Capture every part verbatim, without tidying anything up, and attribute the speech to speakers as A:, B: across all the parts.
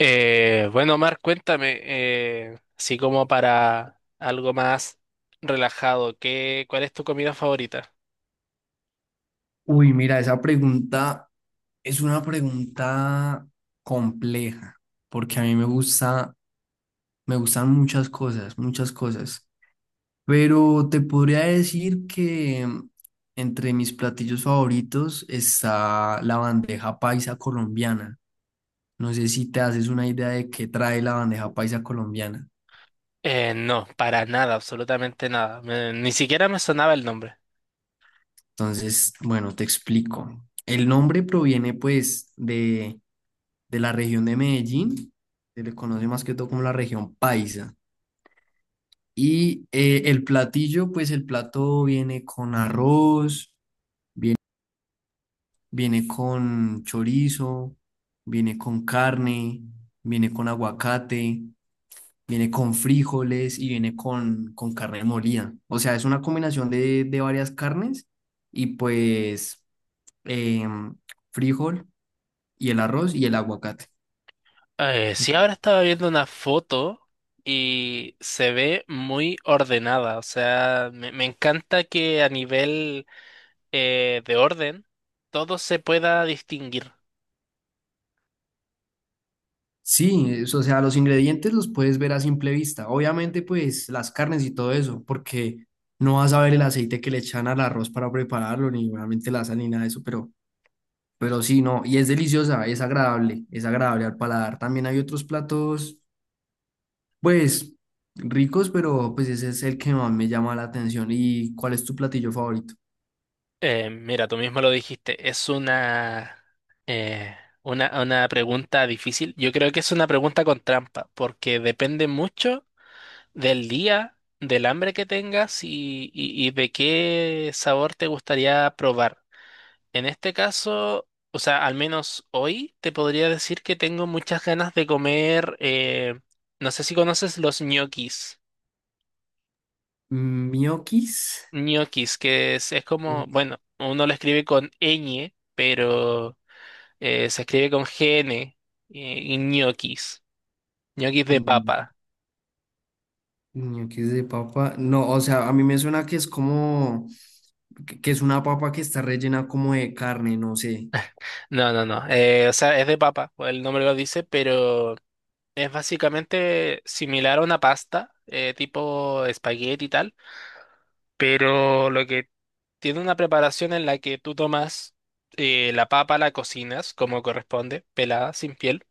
A: Eh, bueno, Omar, cuéntame, eh, así como para algo más relajado, ¿qué, cuál es tu comida favorita?
B: Uy, mira, esa pregunta es una pregunta compleja, porque a mí me gusta, me gustan muchas cosas, muchas cosas. Pero te podría decir que mm, entre mis platillos favoritos está la bandeja paisa colombiana. No sé si te haces una idea de qué trae la bandeja paisa colombiana.
A: Eh, no, para nada, absolutamente nada. Me- ni siquiera me sonaba el nombre.
B: Entonces, bueno, te explico. El nombre proviene pues de, de la región de Medellín, se le conoce más que todo como la región paisa. Y eh, el platillo, pues el plato viene con arroz, viene con chorizo, viene con carne, viene con aguacate, viene con frijoles y viene con, con carne molida. O sea, es una combinación de, de varias carnes y pues em, frijol y el arroz y el aguacate.
A: Eh, sí, ahora estaba viendo una foto y se ve muy ordenada. O sea, me, me encanta que a nivel eh, de orden todo se pueda distinguir.
B: Sí, es- o sea, los ingredientes los puedes ver a simple vista. Obviamente, pues las carnes y todo eso, porque no vas a ver el aceite que le echan al arroz para prepararlo, ni obviamente la sal ni nada de eso, pero, pero sí, no, y es deliciosa, es agradable, es agradable al paladar. También hay otros platos, pues ricos, pero pues ese es el que más me llama la atención. ¿Y cuál es tu platillo favorito?
A: Eh, mira, tú mismo lo dijiste, es una, eh, una, una pregunta difícil. Yo creo que es una pregunta con trampa, porque depende mucho del día, del hambre que tengas y, y- y de qué sabor te gustaría probar. En este caso, o sea, al menos hoy te podría decir que tengo muchas ganas de comer, eh, no sé si conoces los ñoquis.
B: Mm, ñoquis.
A: Ñoquis, que es, es como, bueno, uno lo escribe con ñ, pero... Eh, se escribe con G N, eh, y ñoquis. Ñoquis de
B: Ñoquis.
A: papa.
B: Ñoquis de papa. No, o sea, a mí me suena que es como, que que es una papa que está rellena como de carne, no sé.
A: No, no, no. Eh, o sea, es de papa, pues el nombre lo dice, pero es básicamente similar a una pasta, eh, tipo espagueti y tal, pero lo que tiene una preparación en la que tú tomas, eh, la papa, la cocinas como corresponde, pelada, sin piel.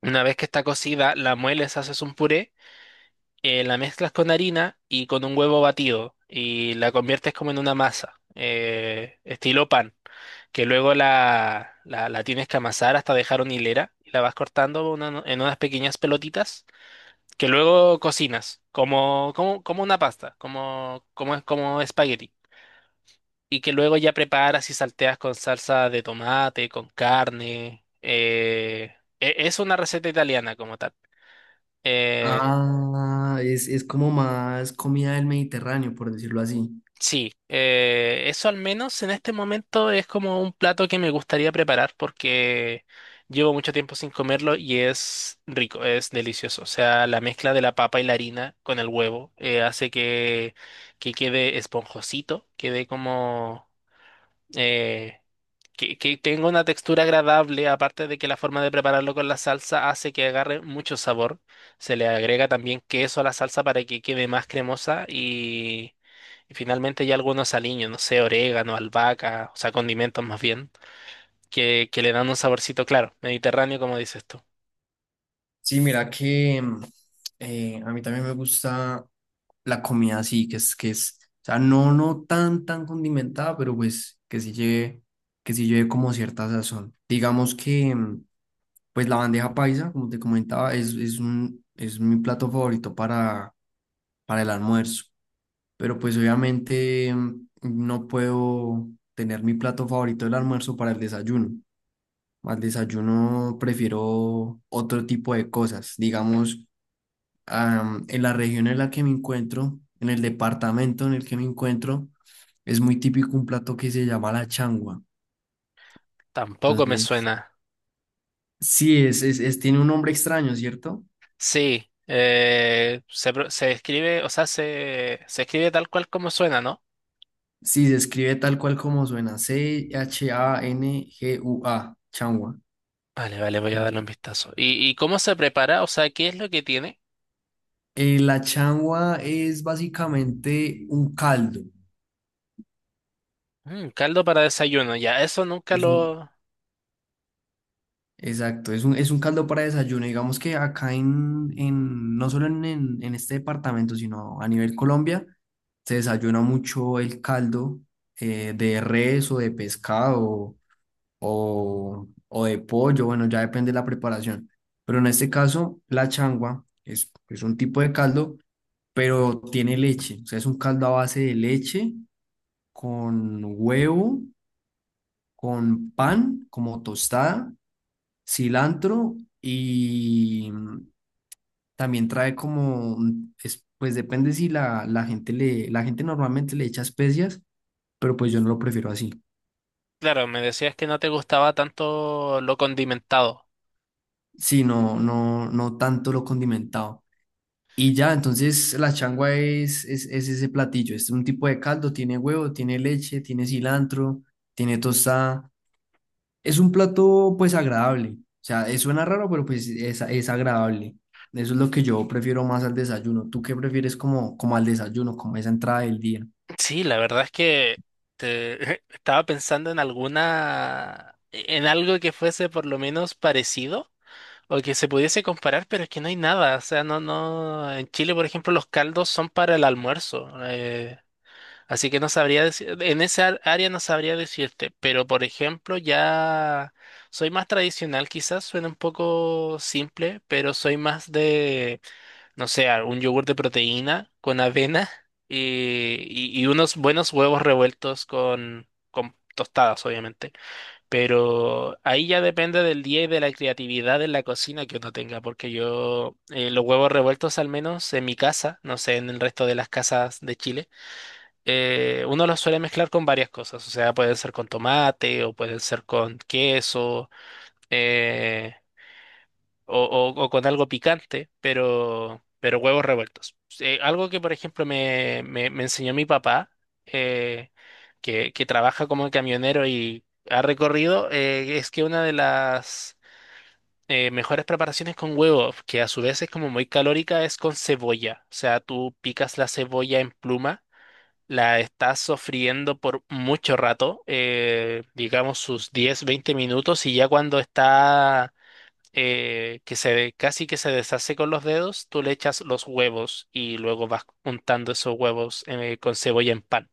A: Una vez que está cocida, la mueles, haces un puré, eh, la mezclas con harina y con un huevo batido y la conviertes como en una masa, eh, estilo pan, que luego la, la, la tienes que amasar hasta dejar una hilera y la vas cortando una- no, en unas pequeñas pelotitas que luego cocinas como, como, como una pasta, como, como, es- como espagueti. Y que luego ya preparas y salteas con salsa de tomate, con carne. Eh, e- es una receta italiana como tal. eh,
B: Ah, es, es como más comida del Mediterráneo, por decirlo así.
A: Sí, eh, eso al menos en este momento es como un plato que me gustaría preparar porque llevo mucho tiempo sin comerlo y es rico, es delicioso. O sea, la mezcla de la papa y la harina con el huevo eh, hace que, que quede esponjosito, quede como... eh, que, que tenga una textura agradable, aparte de que la forma de prepararlo con la salsa hace que agarre mucho sabor. Se le agrega también queso a la salsa para que quede más cremosa y, y finalmente ya algunos aliños, no sé, orégano, albahaca, o sea, condimentos más bien, que, que le dan un saborcito claro, mediterráneo como dices tú.
B: Sí, mira que mm, eh, a mí también me gusta la comida así, que es, que es, o sea, no, no tan, tan condimentada, pero pues que sí lleve, que sí lleve como cierta sazón. Digamos que, mm, pues la bandeja paisa, como te comentaba, es, es un, es mi plato favorito para el almuerzo. Pero pues obviamente mm, no puedo tener mi plato favorito del almuerzo para el desayuno. Al desayuno prefiero otro tipo de cosas. Digamos, am, en la región en la que me encuentro, en el departamento en el que me encuentro, es muy típico un plato que se llama la changua.
A: Tampoco me
B: Entonces,
A: suena.
B: sí, es, es, es- tiene un nombre extraño, ¿cierto?
A: Sí, eh, se, pro- se escribe, o sea, se, se escribe tal cual como suena, ¿no?
B: Sí, se escribe tal cual como suena, C H A N G U A, changua.
A: Vale, vale, voy a darle un vistazo. ¿Y, y cómo se prepara? O sea, ¿qué es lo que tiene?
B: Eh, la changua es básicamente un caldo.
A: Mm, caldo para desayuno, ya, eso nunca
B: Es un,
A: lo...
B: exacto, es un, es un caldo para desayuno. Digamos que acá en, en no solo en, en, en este departamento, sino a nivel Colombia, se desayuna mucho el caldo eh, de res o de pescado o, o de pollo. Bueno, ya depende de la preparación. Pero en este caso, la changua es, es un tipo de caldo, pero tiene leche. O sea, es un caldo a base de leche con huevo, con pan como tostada, cilantro y mm, también trae como, mm, es- pues depende si la, la gente le, la gente normalmente le echa especias, pero pues yo no lo prefiero así,
A: Claro, me decías que no te gustaba tanto lo condimentado.
B: si no, no, no tanto lo condimentado. Y ya, entonces la changua es, es, es ese platillo, es un tipo de caldo, tiene huevo, tiene leche, tiene cilantro, tiene tostada. Es un plato pues agradable. O sea, eh, suena raro, pero pues es, es agradable. Eso es lo que yo prefiero más al desayuno. ¿Tú qué prefieres como, como al desayuno, como esa entrada del día?
A: Sí, la verdad es que te- estaba pensando en alguna... e-, en algo que fuese por lo menos parecido o que se pudiese comparar, pero es que no hay nada. O sea, no, no... En Chile, por ejemplo, los caldos son para el almuerzo. Eh, Así que no sabría decir, en esa área no sabría decirte, pero por ejemplo ya soy más tradicional, quizás suena un poco simple, pero soy más de, no sé, un yogur de proteína con avena y, y- y unos buenos huevos revueltos con, con tostadas, obviamente. Pero ahí ya depende del día y de la creatividad en la cocina que uno tenga, porque yo eh, los huevos revueltos al menos en mi casa, no sé, en el resto de las casas de Chile, eh, uno los suele mezclar con varias cosas, o sea, pueden ser con tomate o pueden ser con queso, eh, o, o- o con algo picante, pero, pero huevos revueltos. Eh, algo que, por ejemplo, me, me- me enseñó mi papá, eh, que, que trabaja como camionero y ha recorrido, eh, es que una de las, eh, mejores preparaciones con huevos, que a su vez es como muy calórica, es con cebolla. O sea, tú picas la cebolla en pluma, la está sofriendo por mucho rato, eh, digamos sus diez veinte minutos, y ya cuando está, eh, que se de- casi que se deshace con los dedos, tú le echas los huevos y luego vas untando esos huevos, eh, con cebolla en pan.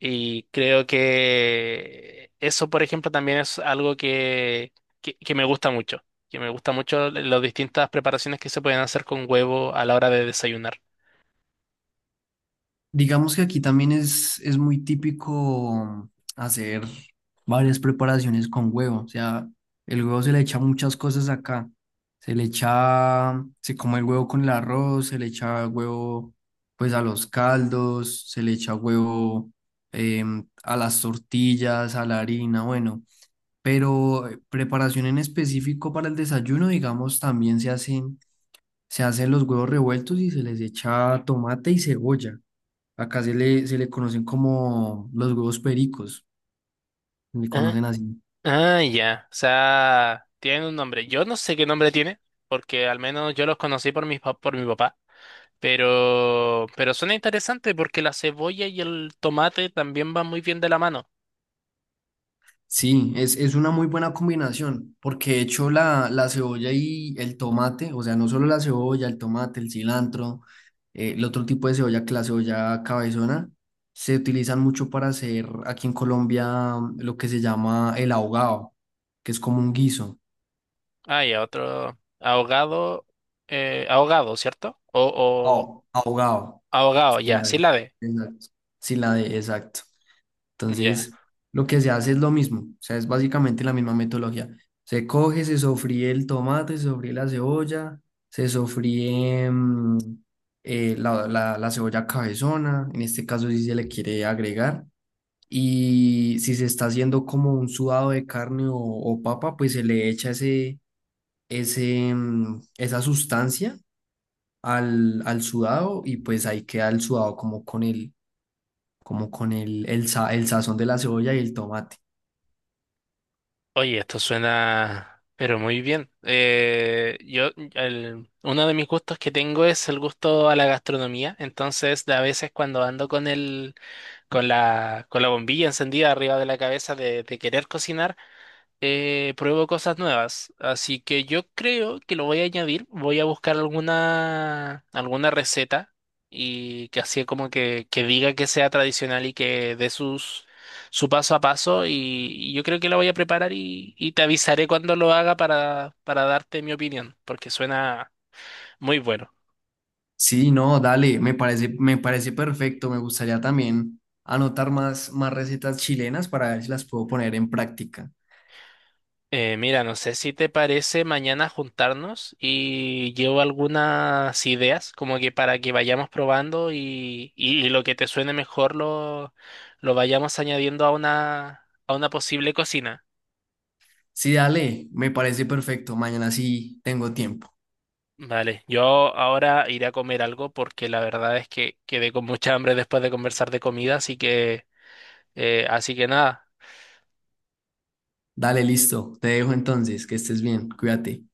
A: Y creo que eso, por ejemplo, también es algo que, que, que me gusta mucho, que me gusta mucho las distintas preparaciones que se pueden hacer con huevo a la hora de desayunar.
B: Digamos que aquí también es, es muy típico hacer varias preparaciones con huevo. O sea, el huevo se le echa muchas cosas acá. Se le echa, se come el huevo con el arroz, se le echa huevo pues a los caldos, se le echa huevo em, a las tortillas, a la harina, bueno. Pero eh, preparación en específico para el desayuno, digamos, también se hacen, se hacen los huevos revueltos y se les echa tomate y cebolla. Acá se le, se le conocen como los huevos pericos, le conocen así.
A: Ah, ya. O sea, tienen un nombre. Yo no sé qué nombre tiene, porque al menos yo los conocí por mi, por mi papá. Pero, pero suena interesante porque la cebolla y el tomate también van muy bien de la mano.
B: Sí, es, es una muy buena combinación, porque de hecho la, la cebolla y el tomate, o sea, no solo la cebolla, el tomate, el cilantro, eh, el otro tipo de cebolla que la cebolla cabezona, se utilizan mucho para hacer aquí en Colombia mm, lo que se llama el ahogado, que es como un guiso.
A: Ah, ya, otro ahogado, eh, ahogado, ¿cierto? O, o
B: Oh, ahogado.
A: ahogado,
B: Sí,
A: ya,
B: la de,
A: sí la de.
B: exacto. Sí, la de, exacto.
A: Ya.
B: Entonces, lo que se hace es lo mismo, o sea, es básicamente la misma metodología. Se coge, se sofríe el tomate, se sofríe la cebolla, se sofríe mm, eh, la, la- la cebolla cabezona, en este caso si se le quiere agregar, y si se está haciendo como un sudado de carne o, o papa, pues se le echa ese, ese, mm, esa sustancia al, al sudado y pues ahí queda el sudado como con el, como con el, el, sa- el sazón de la cebolla y el tomate.
A: Oye, esto suena, pero muy bien. Eh, yo, el, uno de mis gustos que tengo es el gusto a la gastronomía. Entonces, a veces cuando ando con el, con la, con la bombilla encendida arriba de la cabeza de, de querer cocinar, eh, pruebo cosas nuevas. Así que yo creo que lo voy a añadir. Voy a buscar alguna, alguna receta y que así como que, que diga que sea tradicional y que dé sus, su paso a paso. Y, y yo creo que la voy a preparar y, y te avisaré cuando lo haga para, para darte mi opinión, porque suena muy bueno.
B: Sí, no, dale, me parece, me parece perfecto. Me gustaría también anotar más, más recetas chilenas para ver si las puedo poner en práctica.
A: Eh, mira, no sé si te parece mañana juntarnos y llevo algunas ideas como que para que vayamos probando y, y- y lo que te suene mejor lo, lo vayamos añadiendo a una, a una posible cocina.
B: Sí, dale, me parece perfecto. Mañana sí tengo tiempo.
A: Vale, yo ahora iré a comer algo porque la verdad es que quedé con mucha hambre después de conversar de comida, así que, eh, así que nada.
B: Dale, listo. Te dejo entonces, que estés bien, cuídate.